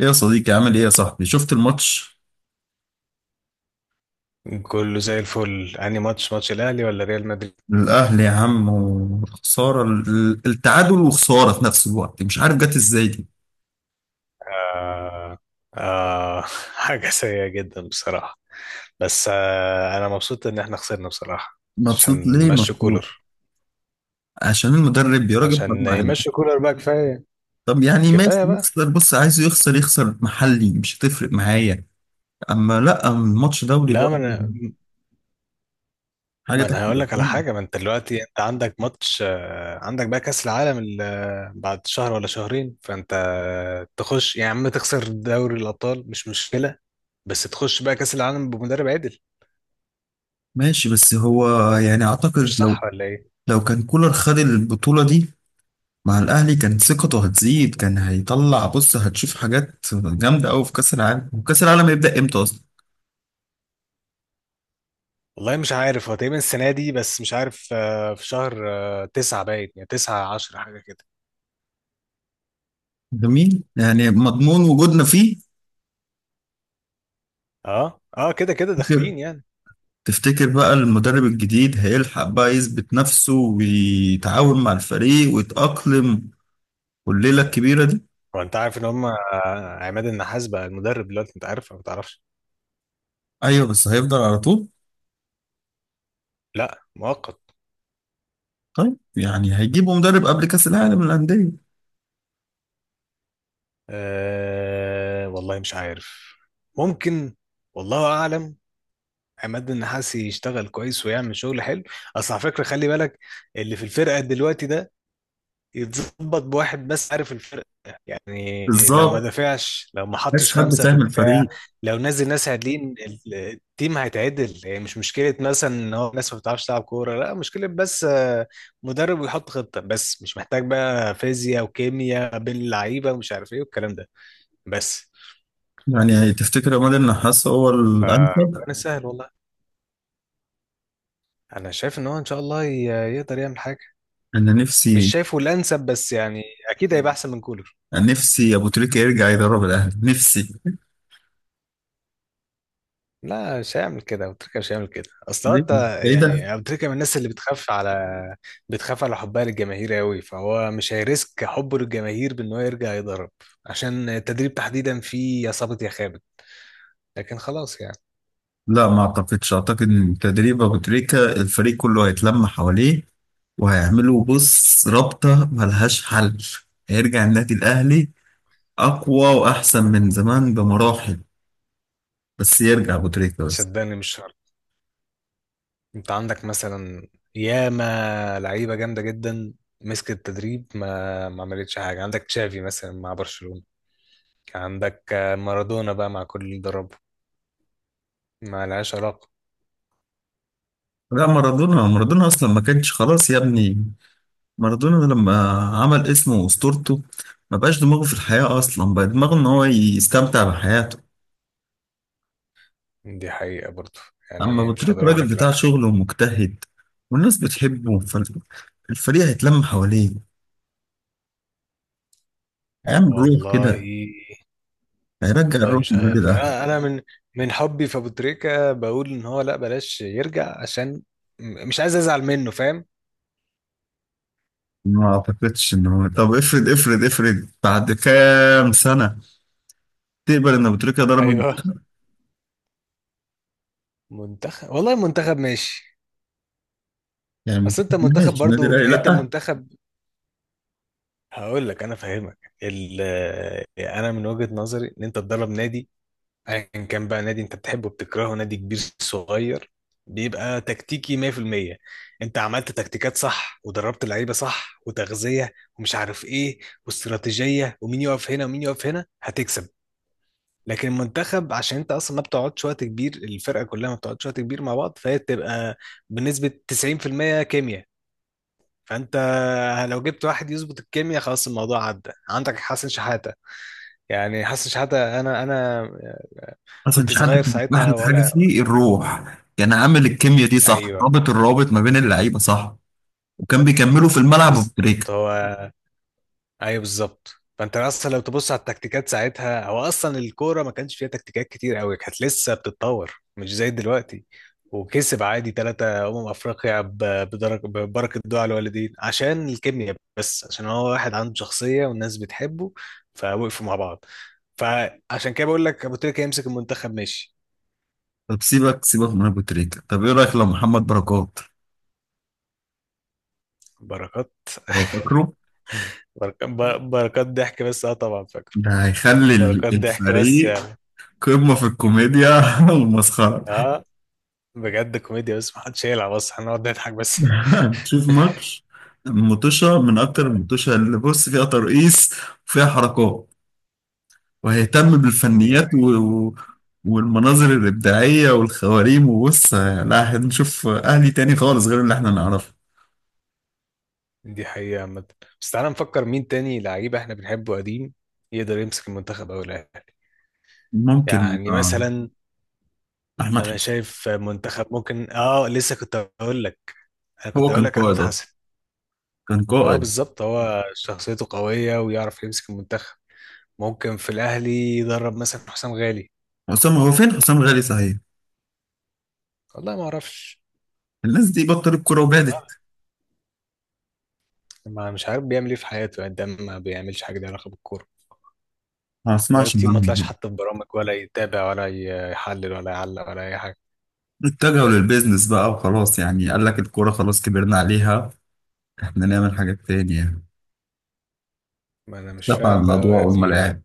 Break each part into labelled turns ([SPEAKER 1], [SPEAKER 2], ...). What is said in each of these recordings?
[SPEAKER 1] ايه يا صديقي، عامل ايه يا صاحبي؟ شفت الماتش؟
[SPEAKER 2] كله زي الفل. انهي ماتش، ماتش الاهلي ولا ريال مدريد؟
[SPEAKER 1] الاهلي يا عم. وخساره التعادل وخساره في نفس الوقت، مش عارف جت ازاي دي.
[SPEAKER 2] آه. آه، حاجه سيئه جدا بصراحه. بس انا مبسوط ان احنا خسرنا بصراحه.
[SPEAKER 1] مبسوط
[SPEAKER 2] عشان
[SPEAKER 1] ليه
[SPEAKER 2] يمشي
[SPEAKER 1] مبسوط؟
[SPEAKER 2] كولر.
[SPEAKER 1] عشان المدرب يا راجل،
[SPEAKER 2] عشان
[SPEAKER 1] حرام عليك.
[SPEAKER 2] يمشي كولر بقى، كفايه.
[SPEAKER 1] طب يعني ماشي
[SPEAKER 2] كفايه بقى.
[SPEAKER 1] يخسر. بص، عايزه يخسر، يخسر محلي مش هتفرق معايا. اما لا، الماتش دولي
[SPEAKER 2] لا،
[SPEAKER 1] بقى. حاجه
[SPEAKER 2] ما
[SPEAKER 1] تحت
[SPEAKER 2] انا هقول لك على
[SPEAKER 1] الأحلام.
[SPEAKER 2] حاجه. ما انت دلوقتي انت عندك ماتش، عندك بقى كاس العالم بعد شهر ولا شهرين. فانت تخش يا عم، تخسر دوري الابطال مش مشكله، بس تخش بقى كاس العالم بمدرب عدل.
[SPEAKER 1] ماشي، بس هو يعني اعتقد
[SPEAKER 2] مش
[SPEAKER 1] لو
[SPEAKER 2] صح ولا ايه؟
[SPEAKER 1] لو كان كولر خد البطوله دي مع الأهلي كانت ثقته هتزيد، كان هيطلع. بص، هتشوف حاجات جامدة أوي في كأس العالم. وكأس العالم هيبدأ إمتى أصلا؟
[SPEAKER 2] والله مش عارف. هو تقريبا السنة دي، بس مش عارف، في شهر تسعة، باين يعني تسعة، عشرة، حاجة كده.
[SPEAKER 1] جميل، يعني مضمون وجودنا فيه.
[SPEAKER 2] اه اه كده كده داخلين يعني.
[SPEAKER 1] تفتكر بقى المدرب الجديد هيلحق بقى يثبت نفسه ويتعاون مع الفريق ويتأقلم والليلة الكبيرة دي؟
[SPEAKER 2] هو انت عارف ان هم، عماد النحاس بقى المدرب دلوقتي، انت عارف ولا ما تعرفش؟
[SPEAKER 1] أيوه، بس هيفضل على طول؟
[SPEAKER 2] لا، مؤقت.
[SPEAKER 1] طيب يعني هيجيبوا مدرب قبل كأس العالم للأندية؟
[SPEAKER 2] آه والله مش عارف، ممكن، والله اعلم. عماد النحاس يشتغل كويس ويعمل شغل حلو. اصل على فكرة خلي بالك، اللي في الفرقة دلوقتي ده يتظبط بواحد بس، عارف الفرق؟ يعني لو ما
[SPEAKER 1] بالظبط.
[SPEAKER 2] دافعش، لو ما حطش
[SPEAKER 1] بس حد
[SPEAKER 2] خمسة في
[SPEAKER 1] فاهم
[SPEAKER 2] الدفاع،
[SPEAKER 1] الفريق؟
[SPEAKER 2] لو نزل ناس عادلين التيم هيتعدل. يعني مش مشكلة مثلا ان هو الناس ما بتعرفش تلعب كورة، لا مشكلة بس، مدرب ويحط خطة. بس مش محتاج بقى فيزياء وكيمياء بين اللعيبة ومش عارف ايه والكلام ده بس.
[SPEAKER 1] يعني تفتكر عماد النحاس هو الأنسب؟
[SPEAKER 2] فربنا يسهل والله. انا شايف ان هو ان شاء الله يقدر يعمل حاجة.
[SPEAKER 1] أنا
[SPEAKER 2] مش
[SPEAKER 1] نفسي
[SPEAKER 2] شايفه الانسب بس يعني اكيد هيبقى احسن من كولر.
[SPEAKER 1] نفسي ابو تريكة يرجع يدرب الاهلي، نفسي.
[SPEAKER 2] لا مش هيعمل كده ابو تريكه، مش هيعمل كده. اصل هو
[SPEAKER 1] ليه؟
[SPEAKER 2] انت،
[SPEAKER 1] ايه ده؟
[SPEAKER 2] يعني ابو تريكه من الناس اللي بتخاف على، بتخاف على حبها للجماهير قوي. فهو مش هيريسك حبه للجماهير بان هو يرجع يضرب. عشان التدريب تحديدا فيه يا صابت يا خابت، لكن خلاص يعني.
[SPEAKER 1] لا ما اعتقدش. اعتقد ان تدريب ابو تريكة الفريق كله هيتلم حواليه، وهيعملوا بص رابطة ملهاش حل. هيرجع النادي الاهلي اقوى واحسن من زمان بمراحل، بس يرجع ابو تريكة بس.
[SPEAKER 2] صدقني مش شرط. انت عندك مثلا ياما لعيبه جامده جدا مسكت التدريب ما عملتش حاجه. عندك تشافي مثلا مع برشلونه، عندك مارادونا بقى مع كل اللي دربه، ما لهاش علاقه.
[SPEAKER 1] لا، مارادونا. مارادونا اصلا ما كانش، خلاص يا ابني. مارادونا لما عمل اسمه واسطورته ما بقاش دماغه في الحياة اصلا، بقى دماغه ان هو يستمتع بحياته.
[SPEAKER 2] دي حقيقه برضه،
[SPEAKER 1] اما
[SPEAKER 2] يعني
[SPEAKER 1] ابو
[SPEAKER 2] مش هقدر
[SPEAKER 1] تريكه
[SPEAKER 2] اقول
[SPEAKER 1] راجل
[SPEAKER 2] لك
[SPEAKER 1] بتاع
[SPEAKER 2] لا.
[SPEAKER 1] شغل ومجتهد، والناس بتحبه، فالفريق هيتلم حواليه، هيعمل روح
[SPEAKER 2] والله
[SPEAKER 1] كده، هيرجع
[SPEAKER 2] والله
[SPEAKER 1] الروح
[SPEAKER 2] مش
[SPEAKER 1] للنادي
[SPEAKER 2] عارف يعني،
[SPEAKER 1] الاهلي.
[SPEAKER 2] انا من من حبي في ابو تريكه بقول ان هو لا بلاش يرجع. عشان مش عايز ازعل منه، فاهم.
[SPEAKER 1] ما اعتقدش ان هو، طب افرض افرض افرض بعد كام سنه تقبل ان ابو تريكه ضرب
[SPEAKER 2] ايوه،
[SPEAKER 1] المنتخب؟
[SPEAKER 2] منتخب والله، منتخب ماشي.
[SPEAKER 1] يعني ما
[SPEAKER 2] اصل انت منتخب
[SPEAKER 1] تقبلهاش النادي
[SPEAKER 2] برضو،
[SPEAKER 1] الاهلي،
[SPEAKER 2] انت
[SPEAKER 1] لا.
[SPEAKER 2] منتخب. هقول لك انا فاهمك، انا من وجهة نظري ان انت تدرب نادي ايا كان بقى، نادي انت بتحبه بتكرهه، نادي كبير صغير، بيبقى تكتيكي 100%. انت عملت تكتيكات صح ودربت اللعيبه صح وتغذيه ومش عارف ايه واستراتيجيه ومين يقف هنا ومين يقف هنا، هتكسب. لكن المنتخب، عشان انت اصلا ما بتقعدش وقت كبير، الفرقه كلها ما بتقعدش وقت كبير مع بعض، فهي بتبقى بنسبه 90% كيمياء. فانت لو جبت واحد يظبط الكيمياء خلاص الموضوع عدى. عندك حسن شحاته، يعني حسن شحاته انا انا
[SPEAKER 1] حسن
[SPEAKER 2] كنت
[SPEAKER 1] شحاته
[SPEAKER 2] صغير
[SPEAKER 1] كان احلى
[SPEAKER 2] ساعتها
[SPEAKER 1] حاجه
[SPEAKER 2] ولا؟
[SPEAKER 1] فيه الروح، كان عامل الكيمياء دي صح،
[SPEAKER 2] ايوه
[SPEAKER 1] رابط الروابط ما بين اللعيبه صح. وكان بيكملوا في الملعب ابو تريكه.
[SPEAKER 2] بالظبط هو. ايوه بالظبط. فانت اصلا لو تبص على التكتيكات ساعتها، هو اصلا الكوره ما كانش فيها تكتيكات كتير قوي، كانت لسه بتتطور مش زي دلوقتي. وكسب عادي ثلاثة أمم أفريقيا ببركة دعاء الوالدين، عشان الكيمياء، بس عشان هو واحد عنده شخصية والناس بتحبه، فوقفوا مع بعض. فعشان كده بقول لك أبو تريكة يمسك المنتخب ماشي.
[SPEAKER 1] طب سيبك سيبك من ابو تريكه، طب ايه رايك لو محمد بركات؟
[SPEAKER 2] بركات.
[SPEAKER 1] هو فاكره؟
[SPEAKER 2] بركات. بركات ضحك بس، اه طبعا فاكره.
[SPEAKER 1] ده هيخلي
[SPEAKER 2] بركات ضحك بس
[SPEAKER 1] الفريق
[SPEAKER 2] يعني
[SPEAKER 1] قمة في الكوميديا والمسخرة.
[SPEAKER 2] اه، بجد كوميديا بس ما حدش يقلع، بس هنقعد نضحك بس.
[SPEAKER 1] هنشوف ماتش مطوشة، من أكتر المطوشة اللي بص فيها ترقيص وفيها حركات، وهيهتم
[SPEAKER 2] دي،
[SPEAKER 1] بالفنيات و- والمناظر الإبداعية والخواريم. وبص، لا هنشوف أهلي تاني خالص غير اللي احنا نعرفه.
[SPEAKER 2] دي حقيقة عامة. بس تعالى نفكر مين تاني لعيب احنا بنحبه قديم يقدر يمسك المنتخب او الاهلي،
[SPEAKER 1] ممكن
[SPEAKER 2] يعني
[SPEAKER 1] آه،
[SPEAKER 2] مثلا.
[SPEAKER 1] أحمد
[SPEAKER 2] انا
[SPEAKER 1] حسن.
[SPEAKER 2] شايف منتخب ممكن، اه لسه كنت هقول لك، انا كنت
[SPEAKER 1] هو
[SPEAKER 2] هقول
[SPEAKER 1] كان
[SPEAKER 2] لك احمد
[SPEAKER 1] قائد أصلا،
[SPEAKER 2] حسن.
[SPEAKER 1] كان
[SPEAKER 2] اه
[SPEAKER 1] قائد.
[SPEAKER 2] بالظبط، هو شخصيته قوية ويعرف يمسك المنتخب. ممكن في الاهلي يدرب مثلا حسام غالي.
[SPEAKER 1] حسام، هو فين حسام غالي صحيح؟
[SPEAKER 2] والله ما اعرفش،
[SPEAKER 1] الناس دي بطلت كورة وبعدت،
[SPEAKER 2] ما مش عارف بيعمل ايه في حياته، يعني ده ما بيعملش حاجة ليها علاقة بالكورة.
[SPEAKER 1] ما
[SPEAKER 2] بقاله
[SPEAKER 1] أسمعش
[SPEAKER 2] كتير ما طلعش
[SPEAKER 1] عنهم.
[SPEAKER 2] حتى في برامج، ولا يتابع ولا يحلل ولا يعلق ولا أي حاجة.
[SPEAKER 1] اتجهوا للبيزنس بقى وخلاص، يعني قال لك الكورة خلاص كبرنا عليها، احنا نعمل حاجات تانية يعني.
[SPEAKER 2] ما أنا مش
[SPEAKER 1] دفع
[SPEAKER 2] فاهم
[SPEAKER 1] الموضوع
[SPEAKER 2] بقى في
[SPEAKER 1] وهم
[SPEAKER 2] إيه.
[SPEAKER 1] لعب.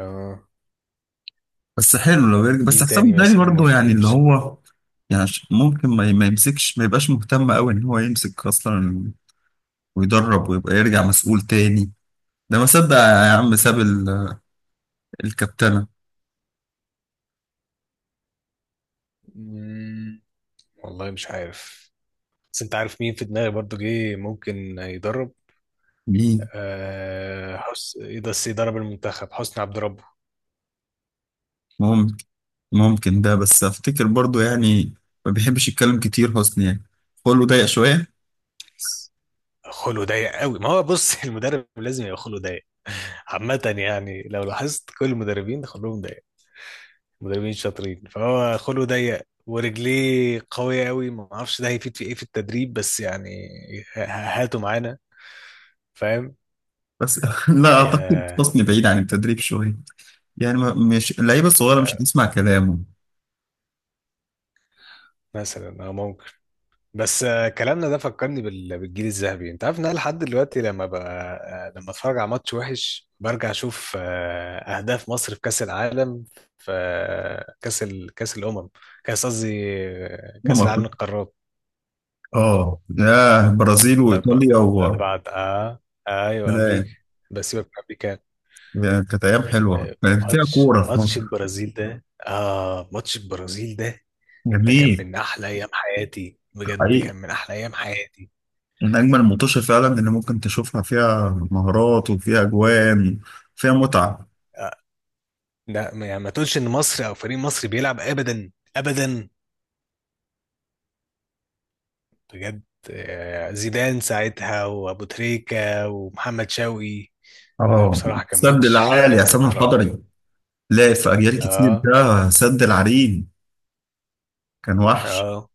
[SPEAKER 2] آه
[SPEAKER 1] بس حلو لو يرجع، بس
[SPEAKER 2] مين
[SPEAKER 1] حسام
[SPEAKER 2] تاني
[SPEAKER 1] الداني
[SPEAKER 2] مثلا
[SPEAKER 1] برضه،
[SPEAKER 2] ممكن
[SPEAKER 1] يعني اللي
[SPEAKER 2] يمسك؟
[SPEAKER 1] هو يعني ممكن ما يمسكش، ما يبقاش مهتم قوي ان هو يمسك اصلا، ويدرب ويبقى يرجع مسؤول تاني. ده ما صدق يا عم، ساب الكابتنة.
[SPEAKER 2] مم، والله مش عارف. بس أنت عارف مين في دماغي برضو جه ممكن يدرب؟
[SPEAKER 1] مين
[SPEAKER 2] حسن، بس يدرب المنتخب، حسني عبد ربه.
[SPEAKER 1] ممكن؟ ممكن ده، بس افتكر برضه يعني ما بيحبش يتكلم كتير حسني، يعني خلقه ضيق شوية.
[SPEAKER 2] خلقه ضيق قوي ما هو، بص، المدرب لازم يبقى خلقه ضيق عامة. يعني لو لاحظت كل المدربين خلقهم ضيق، مدربين شاطرين. فهو خلقه ضيق ورجليه قوية قوي، ما اعرفش ده هيفيد في ايه في التدريب بس يعني ه- هاته معانا، فاهم.
[SPEAKER 1] بس لا اعتقد
[SPEAKER 2] يا،
[SPEAKER 1] حسني بعيد عن التدريب شوية، يعني مش اللعيبه الصغيره مش
[SPEAKER 2] آه،
[SPEAKER 1] هتسمع كلامه.
[SPEAKER 2] مثلا اه ممكن. بس كلامنا ده فكرني بالجيل الذهبي. انت عارف ان انا لحد دلوقتي لما ب... آه، لما اتفرج على ماتش وحش برجع اشوف اهداف مصر في كاس العالم، في كاس كاس الامم. كاس قصدي
[SPEAKER 1] هم
[SPEAKER 2] كاس العالم
[SPEAKER 1] أفريقيا.
[SPEAKER 2] للقارات.
[SPEAKER 1] اه، يا برازيل
[SPEAKER 2] الاربعه،
[SPEAKER 1] وايطاليا
[SPEAKER 2] الاربعه اه. ايوه، امريكا.
[SPEAKER 1] كلام.
[SPEAKER 2] بس يبقى بكام.
[SPEAKER 1] يعني كانت ايام حلوه،
[SPEAKER 2] آه،
[SPEAKER 1] كانت فيها
[SPEAKER 2] ماتش،
[SPEAKER 1] كوره في
[SPEAKER 2] ماتش
[SPEAKER 1] مصر.
[SPEAKER 2] البرازيل ده، اه ماتش البرازيل ده ده كان
[SPEAKER 1] جميل.
[SPEAKER 2] من احلى ايام حياتي بجد، كان
[SPEAKER 1] حقيقي.
[SPEAKER 2] من احلى ايام حياتي.
[SPEAKER 1] من اجمل الماتشات فعلا اللي ممكن تشوفها، فيها مهارات وفيها اجوان، فيها متعه.
[SPEAKER 2] آه. لا يعني ما تقولش ان مصر او فريق مصري بيلعب ابدا ابدا، بجد. زيدان ساعتها وابو تريكة ومحمد شوقي. لا
[SPEAKER 1] اه،
[SPEAKER 2] بصراحة كان
[SPEAKER 1] السد
[SPEAKER 2] ماتش
[SPEAKER 1] العالي
[SPEAKER 2] يا
[SPEAKER 1] عصام
[SPEAKER 2] نهار ابيض.
[SPEAKER 1] الحضري. لا، في اجيال كتير،
[SPEAKER 2] اه
[SPEAKER 1] ده سد العرين. كان وحش.
[SPEAKER 2] اه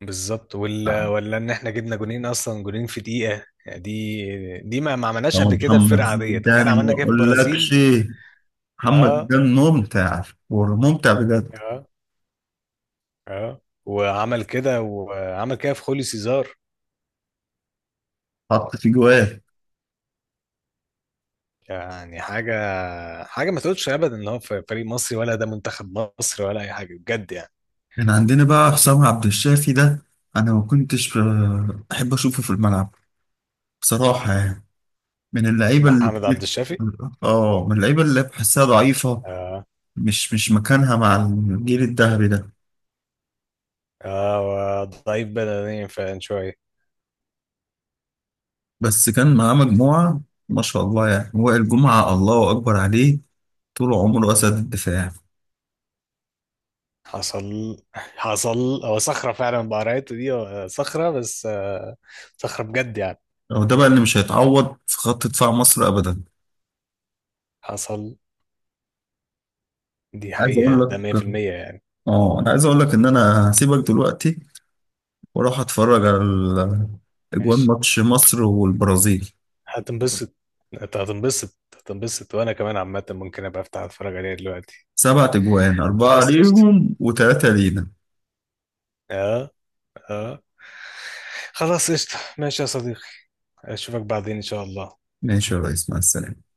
[SPEAKER 2] بالظبط، ولا ولا ان احنا جبنا جونين اصلا، جونين في دقيقة. يعني دي دي ما عملناش قبل
[SPEAKER 1] طبعا
[SPEAKER 2] كده في
[SPEAKER 1] محمد
[SPEAKER 2] فرقة عادية، تخيل
[SPEAKER 1] زيدان
[SPEAKER 2] عملنا
[SPEAKER 1] ما
[SPEAKER 2] كده في
[SPEAKER 1] اقولكش.
[SPEAKER 2] البرازيل.
[SPEAKER 1] محمد
[SPEAKER 2] اه
[SPEAKER 1] زيدان ممتع، وممتع بجد.
[SPEAKER 2] اه اه وعمل كده، وعمل كده في خوليو سيزار.
[SPEAKER 1] حط في جواه.
[SPEAKER 2] يعني حاجة، حاجة ما تقولش أبدا إن هو في فريق مصري ولا ده منتخب مصر ولا أي حاجة بجد يعني.
[SPEAKER 1] كان عندنا بقى حسام عبد الشافي ده. انا ما كنتش احب اشوفه في الملعب، بصراحه يعني، من اللعيبه اللي
[SPEAKER 2] محمد عبد
[SPEAKER 1] كانت،
[SPEAKER 2] الشافي.
[SPEAKER 1] اه، من اللعيبه اللي بحسها ضعيفه،
[SPEAKER 2] اه
[SPEAKER 1] مش مكانها مع الجيل الذهبي ده.
[SPEAKER 2] اه ضعيف بدنيا فعلا شوية.
[SPEAKER 1] بس كان معاه مجموعه ما شاء الله، يعني وائل جمعه الله اكبر عليه، طول عمره اسد الدفاع.
[SPEAKER 2] حصل حصل. هو صخرة فعلا بقرايته دي، هو صخرة بس صخرة بجد يعني.
[SPEAKER 1] هو ده بقى اللي مش هيتعوض في خط دفاع مصر ابدا.
[SPEAKER 2] حصل، دي
[SPEAKER 1] عايز اقول
[SPEAKER 2] حقيقة. ده
[SPEAKER 1] لك.
[SPEAKER 2] 100% يعني.
[SPEAKER 1] ان انا هسيبك دلوقتي واروح اتفرج على اجوان ماتش مصر والبرازيل.
[SPEAKER 2] هتنبسط. انت هتنبسط، هتنبسط، وانا كمان عامة ممكن ابقى افتح اتفرج عليها دلوقتي.
[SPEAKER 1] سبعة اجوان، اربعة
[SPEAKER 2] خلاص قشطة.
[SPEAKER 1] ليهم وثلاثة لينا.
[SPEAKER 2] اه اه خلاص قشطة ماشي يا صديقي، اشوفك بعدين ان شاء الله.
[SPEAKER 1] ماشي يا ريس، مع السلامة.